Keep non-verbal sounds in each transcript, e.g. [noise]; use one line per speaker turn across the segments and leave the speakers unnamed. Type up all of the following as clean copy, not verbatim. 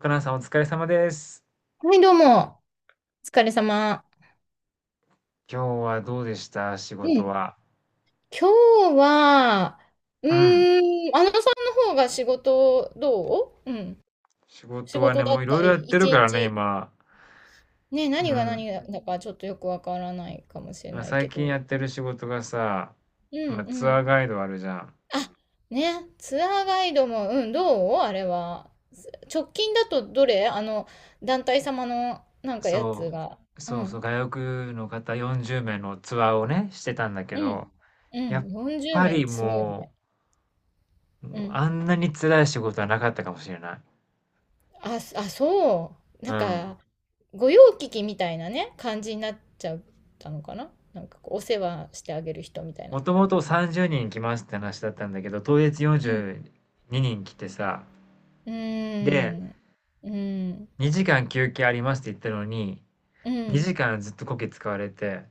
若菜さんお疲れ様です。
はい、どうも。お疲れ様。
今日はどうでした仕
う
事
ん。
は？
今日は、
うん。
あのさんの方が仕事どう、うん。
仕
仕
事は
事
ね、
だっ
もういろい
た
ろやっ
り、
て
一
るからね、
日。
今。
ね、何
う
が
ん。
何だかちょっとよくわからないかもしれ
まあ、
ない
最
け
近や
ど。
ってる仕事がさ、
うんう
まあ、ツア
ん。
ーガイドあるじゃん。
あ、ね、ツアーガイドも、うん、どうあれは。直近だとどれ、あの、団体様のなんかやつ
そ
が。
う。
う
そうそう。
ん。
外国の方40名のツアーをね、してたんだけ
う
ど、
ん。う
や
ん。
っぱ
40名っ
り
てすごいよ
も
ね。
う、も
う
う
ん。
あんなに辛い仕事はなかったかもしれない。
あ、そう。
う
なん
ん。
か、御用聞きみたいなね、感じになっちゃったのかな、なんかこう、お世話してあげる人みたい
も
な。
ともと30人来ますって話だったんだけど、当日
うん。
42人来てさ、
う
で、
ーん。うん。
2時間休憩ありますって言ったのに、
うん。
2時間ずっとこけ使われて、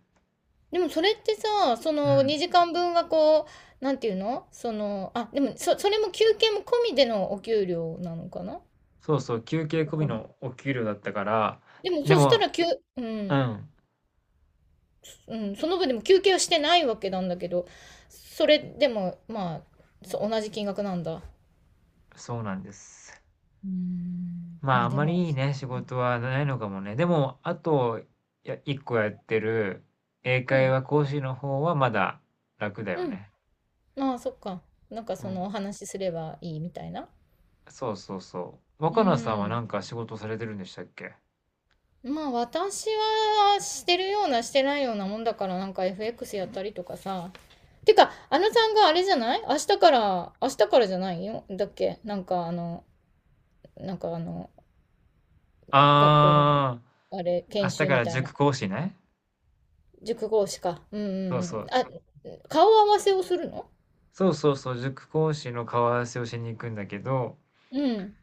でもそれってさ、そ
う
の
ん。
2時間分がこう、なんていうのその、あ、でもそれも休憩も込みでのお給料なのかな、
そうそう、休憩
わ
込み
かんない。
のお給料だったから、
でも
で
そした
も、
ら休、う
う
ん、
ん、
うん、その分でも休憩はしてないわけなんだけど、それでも、まあ、そ同じ金額なんだ。
そうなんです。
うーん、
まあ、
ま
あ
あ
ん
で
ま
も、
りいいね、仕事はないのかもね。でも、あと、1個やってる英
う
会
ん、
話講師の方はまだ楽だ
う
よ
ん。
ね。
まあそっか。なんか
う
そのお
ん。
話しすればいいみたいな。
そうそうそう。
う
若菜さんはな
ん。
んか仕事されてるんでしたっけ？
まあ私はしてるようなしてないようなもんだから、なんか FX やったりとかさ。てか、あのさんがあれじゃない明日から、明日からじゃないよ。だっけ、なんかあの、なんかあの、学校の、
あ
あれ、
あー、明
研
日か
修み
ら
たい
塾
な。
講師ね。
塾講師か。うんう
そ
ん
う
う
そ
ん。
う。
あ、顔合わせをするの、
そうそうそう、塾講師の顔合わせをしに行くんだけど、
うん。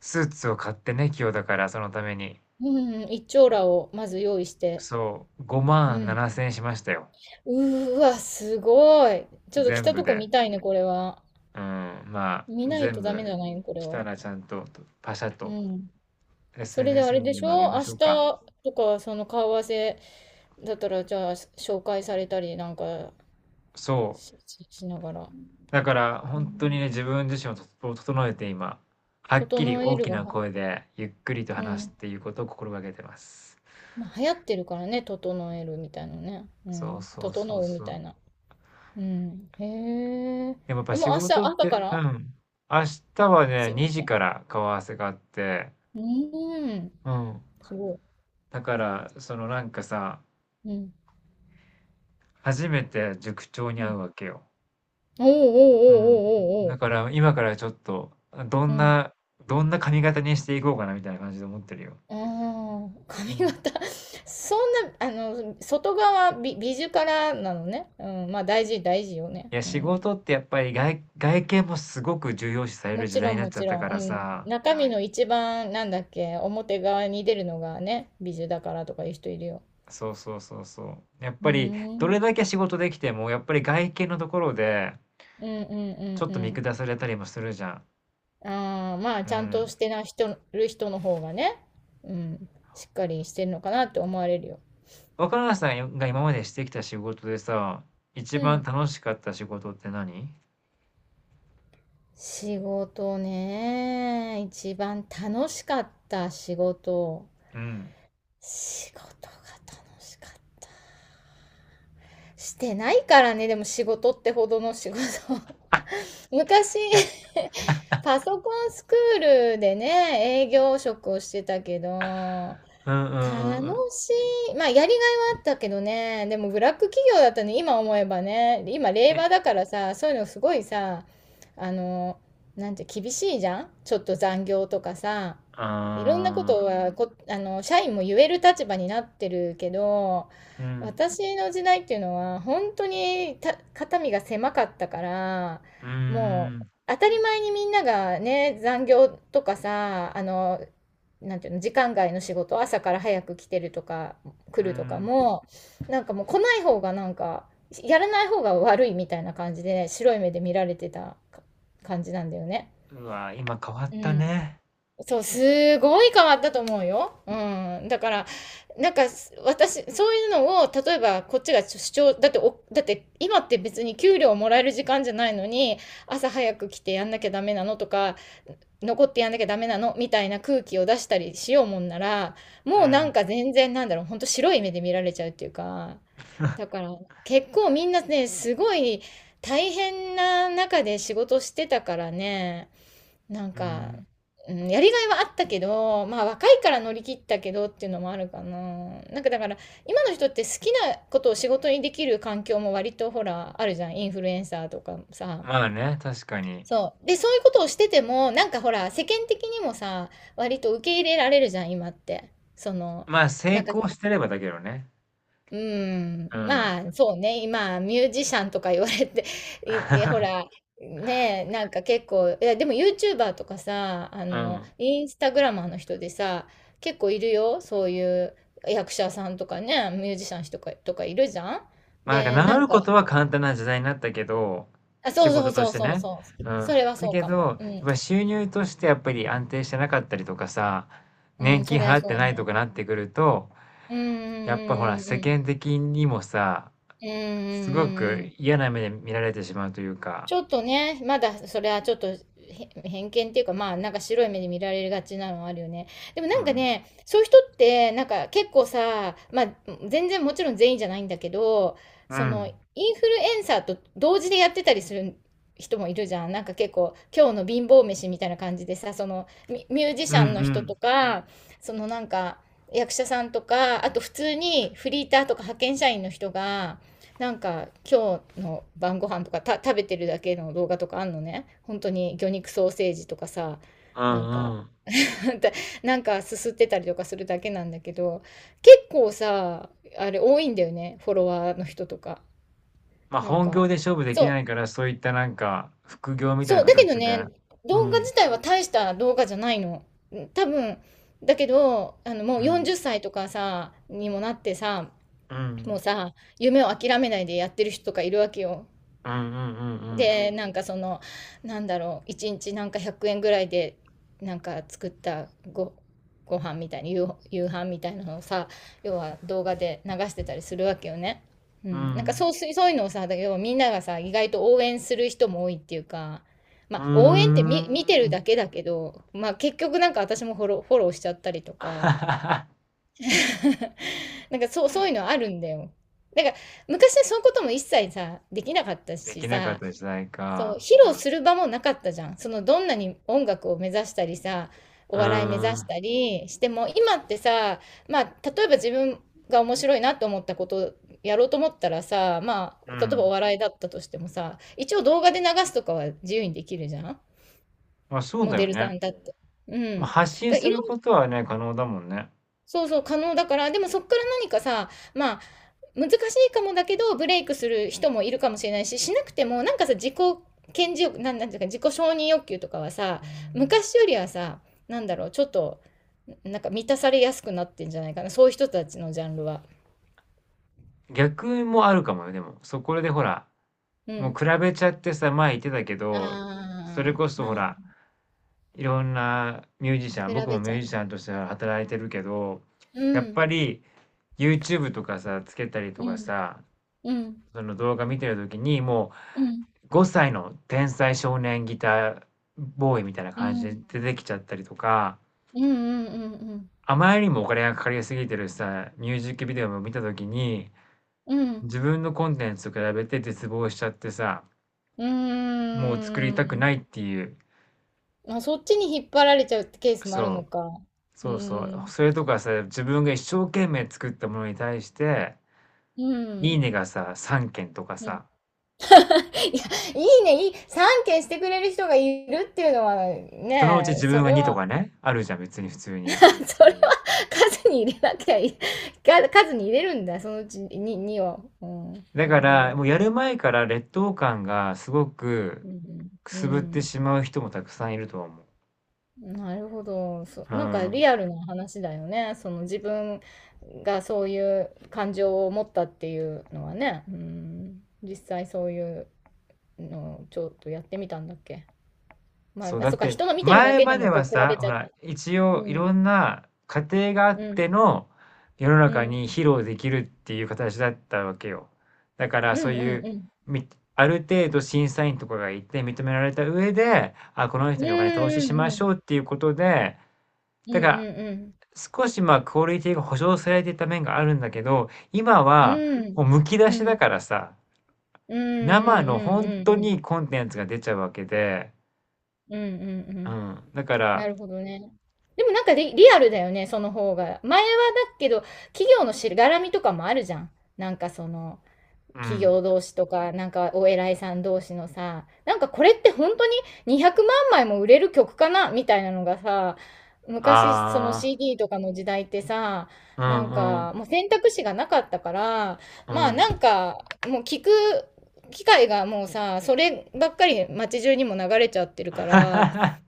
スーツを買ってね、今日だから、そのために。
うんうん。一張羅をまず用意して。
そう、
う
5万
ん。
7千円しましたよ。
うーわ、すごい。ちょっと着
全
た
部
とこ
で。
見たいね、これは。
うん、まあ、
見ないと
全
ダ
部
メじゃないの、これ
来
は。
たらちゃんと、パシャ
う
と
ん。それであ
SNS
れで
にで
し
もあげ
ょ
ま
明
しょ
日
うか。
とか、その顔合わせだったら、じゃあ、紹介されたりなんか
そう。
ししながら。
だから、
う
本当に
ん、
ね、自分自身をとを整えて今、はっきり
整え
大
る
き
が
な
は、
声で、ゆっくりと
う
話す
ん。
っていうことを心がけてます。
まあ、流行ってるからね、整えるみたいなね。う
そう
ん。
そうそ
整
う
うみ
そう。
たいな。うん。へえ。
でもやっぱ
え、もう
仕
明日
事っ
朝か
て、う
ら、
ん。明日
あの、
はね、
すいま
2
せ
時
ん。
から顔合わせがあって、
うーん。
うん。
すごい。
だから、そのなんかさ、
うん。
初めて塾長に
う
会
ん、
うわけよ。
おーおーおーおーお
うん。
ーお
だ
ー。
から今からちょっと、ど
う
ん
ん。
な、どんな髪型にしていこうかなみたいな感じで思ってるよ。
ああ、
う
髪
ん。
型 [laughs] そんな、あの、外側美術からなのね。うん、まあ大事よね。
いや、
う
仕
ん。
事ってやっぱり外見もすごく重要視され
も
る時
ち
代
ろ
に
ん、
なっ
も
ちゃっ
ち
た
ろ
から
ん。うん。
さ、
中身の一番、なんだっけ、表側に出るのがね、美術だからとかいう人いるよ。
そうそうそうそう。やっ
う
ぱり、
ー
ど
ん。
れだけ仕事できても、やっぱり外見のところで、
うんうんう
ち
ん
ょっ
う
と見
ん。
下されたりもするじゃん。
ああ、まあ、
う
ちゃんと
ん。
してな人、る人の方がね、うん、しっかりしてるのかなって思われるよ。
若菜さんが今までしてきた仕事でさ、一
う
番
ん。
楽しかった仕事って何？
仕事ね、一番楽しかった仕事。
うん。
仕事が楽しかった。してないからね、でも仕事ってほどの仕事。[laughs] 昔、
いや、
パソコンスクールでね、営業職をしてたけど、
うんうんう
楽
んうん。
しい。まあ、やりがいはあったけどね。でも、ブラック企業だったね、今思えばね。今、令
え、
和だからさ、そういうのすごいさ、あの、なんて、厳しいじゃん、ちょっと残業とかさ。
あ
いろんなことはこ、あの、社員も言える立場になってるけど、
ー、うん、
私の時代っていうのは、本当にた、肩身が狭かったから、
うー
もう、
ん、
当たり前にみんながね、残業とかさ、あの、なんていうの、時間外の仕事、朝から早く来てるとか、来
う
るとか
ん。
も、なんかもう来ない方がなんか、やらない方が悪いみたいな感じで、白い目で見られてたか感じなんだよね。
うわ、今変わっ
う
た
ん。
ね。
そう、すごい変わったと思うよ。うん。だから、なんか、す私、そういうのを、例えば、こっちが主張、だってお、だって、今って別に給料もらえる時間じゃないのに、朝早く来てやんなきゃダメなのとか、残ってやんなきゃダメなのみたいな空気を出したりしようもんなら、
う
もうなん
ん、
か全然なんだろう、ほんと白い目で見られちゃうっていうか、だから結構みんなね、すごい大変な中で仕事してたからね、なん
う
か、
ん。
うん、やりがいはあったけど、まあ若いから乗り切ったけどっていうのもあるかな。なんかだから今の人って好きなことを仕事にできる環境も割とほらあるじゃん。インフルエンサーとかさ。
まあね、確かに。
そう。で、そういうことをしてても、なんかほら、世間的にもさ、割と受け入れられるじゃん、今って。その、
まあ、
なん
成
か、
功してればだけどね。
うん、
うん。
まあ、そうね、今、ミュージシャンとか言われて、いでほら、
[laughs]
ねえ、なんか結構、いや、でも YouTuber とかさ、あ
う
の、
ん。[laughs]
インスタグラマーの人でさ、結構いるよ、そういう役者さんとかね、ミュージシャンとか、とかいるじゃん。
まあ、なん
で、
か
な
治
ん
る
か、
ことは簡単な時代になったけど、
あ、
仕
そうそ
事
う
と
そ
し
う
て
そう
ね。
そう、
う
そ
ん。
れは
だ
そう
け
か
ど、
も。う
やっ
ん、
ぱ収入としてやっぱり安定してなかったりとかさ、
う
年
ん、そ
金
れは
払って
そう
ないと
ね。
かなってくると、
うん
やっぱほら、
うんうんうん
世
うん。
間的にもさ、
うんうんう
すご
んう
く
ん。
嫌な目で見られてしまうというか、
ちょっとね、まだそれはちょっとへ偏見っていうか、まあなんか白い目で見られがちなのはあるよね。でも
う
なんか
ん。
ね、そういう人ってなんか結構さ、まあ全然もちろん全員じゃないんだけど、
う
その
ん。
インフルエンサーと同時でやってたりする人もいるじゃん。なんか結構今日の貧乏飯みたいな感じでさ、そのミュージ
う
シ
んう
ャンの人
ん。
とか、そのなんか役者さんとか、あと普通にフリーターとか派遣社員の人が、なんか今日の晩ご飯とかた食べてるだけの動画とかあんのね。本当に魚肉ソーセージとかさ、
う
なん
ん
か
うん。
[laughs] なんかすすってたりとかするだけなんだけど、結構さ、あれ多いんだよね、フォロワーの人とか。
まあ、
なん
本業
か、
で勝負で
そ
きな
う、
いから、そういったなんか、副業みたいな
そう、だけど
形で。
ね、
う
動画
ん。
自体は大した動画じゃないの。多分、だけど、あの、も
う
う
ん。
40歳とかさ、にもなってさ、
う
もう
ん。
さ、夢を諦めないでやってる人とかいるわけよ。
うんうんうんうん。
でなんかそのなんだろう1日なんか100円ぐらいでなんか作ったごご飯みたいな夕飯みたいなのをさ、要は動画で流してたりするわけよね。う
う
ん、なんか
ん。
そうすそういうのをさ、だはみんながさ意外と応援する人も多いっていうか、
う
ま
ー
あ、応援って見てる
ん。
だけだけど、まあ、結局なんか私もフォローしちゃったりとか
[laughs]
[laughs] なんかそう、そういうのあるんだよ。なんか昔はそういうことも一切さできなかった
で
し
きなかっ
さ、
た時代
そう、
か。
披露する場もなかったじゃん。そのどんなに音楽を目指したりさ、
う
お
ー
笑い目指し
ん。
たりしても、今ってさ、まあ、例えば自分が面白いなと思ったことをやろうと思ったらさ、ま
う
あ、例えばお
ん。
笑いだったとしてもさ、一応動画で流すとかは自由にできるじゃん。
まあそう
モ
だ
デ
よ
ルさ
ね。
んだって。う
ま
ん。
あ、
だか
発信
らい
す
ろ
る
ん、
ことはね、可能だもんね。
そうそう、可能だから、でもそっから何かさ、まあ、難しいかもだけど、ブレイクする人もいるかもしれないし、しなくてもなんかさ、自己顕示欲なん、なんていうか、自己承認欲求とかはさ、昔よりはさ、なんだろう、ちょっとなんか満たされやすくなってんじゃないかな、そういう人たちのジャンルは。
逆もあるかもよ、でも。そこでほら、
う
もう
ん、
比べちゃってさ、前言ってたけど、それ
ああ
こそ
ま
ほ
あ
ら、いろんなミュージシャン、
比
僕も
べ
ミ
ちゃ
ュー
う、
ジシャンとして働いてるけど、
う
やっ
ん
ぱり YouTube とかさ、つけたりと
う
か
ん
さ、
うん
その動画見てるときに、も
うん
う、5歳の天才少年ギターボーイみたいな
う
感じで
ん
出てきちゃったりとか、
うんうんうん
あまりにもお金がかかりすぎてるさ、ミュージックビデオを見たときに、
うんうん、
自分のコンテンツと比べて絶望しちゃってさ、
うー
もう作りたくな
ん、
いっていう、
まあそっちに引っ張られちゃうってケースもある
そ
の
う、
か。う
そうそ
ー
う、
ん、
それとかさ、自分が一生懸命作ったものに対して、
う
いい
ん
ねがさ、3件とか
うん、
さ、
いや、いいね、いい、3件してくれる人がいるっていうのは
そのうち
ね、
自
そ
分が
れ
2と
は、
かね、あるじゃん、別に普通
[laughs]
に。
それは数に入れなきゃいい。か数に入れるんだ、そのうちに、2は。うん、
だ
な
か
るほ
ら、
ど。
もうやる前から劣等感がすご
う
く
ん、
く
う
すぶって
ん。
しまう人もたくさんいるとは思う。
なるほど。そ、
う
なんか
ん。
リアルな話だよね。その自分がそういう感情を持ったっていうのはね。うん、実際そういうのをちょっとやってみたんだっけ。まあ、
そう、
あ、
だ
そ
っ
っか、
て
人の見てるだ
前
けで
ま
も
で
こう
は
比
さ、
べち
ほ
ゃって。
ら、一応
う
い
ん。
ろんな過程があっ
うん
ての世の
う
中
ん。
に披露できるっていう形だったわけよ。だか
う
らそう
んう
いう、
んうん。
みある程度審査員とかがいて認められた上で、あ、この
う
人
ん
にお金投資
う
し
ん
ま
う
し
ん。
ょうっていうことで、
うんう
だ
ん
から
うん。
少し、ま、クオリティが保証されていた面があるんだけど、今は
うん。
もうむき出
う
しだ
ん。
からさ、
うんう
生の
ん
本
うん
当
うんうん。
にコンテンツが出ちゃうわけで、
うんうんうんうんうんうんうんうんうんうんうんうんうんう
う
ん、
ん、だか
な
ら、
るほどね。でもなんかリアルだよね、その方が。前はだけど、企業のしがらみとかもあるじゃん。なんかその、
う
企
ん、
業同士とか、なんかお偉いさん同士のさ、なんかこれって本当に200万枚も売れる曲かなみたいなのがさ、昔その
ああ、
CD とかの時代ってさ、
う
なん
んう
か
ん、
もう選択肢がなかったから、
う
まあな
ん。
んかもう聞く機会がもうさ、そればっかり街中にも流れちゃってるから、
[laughs]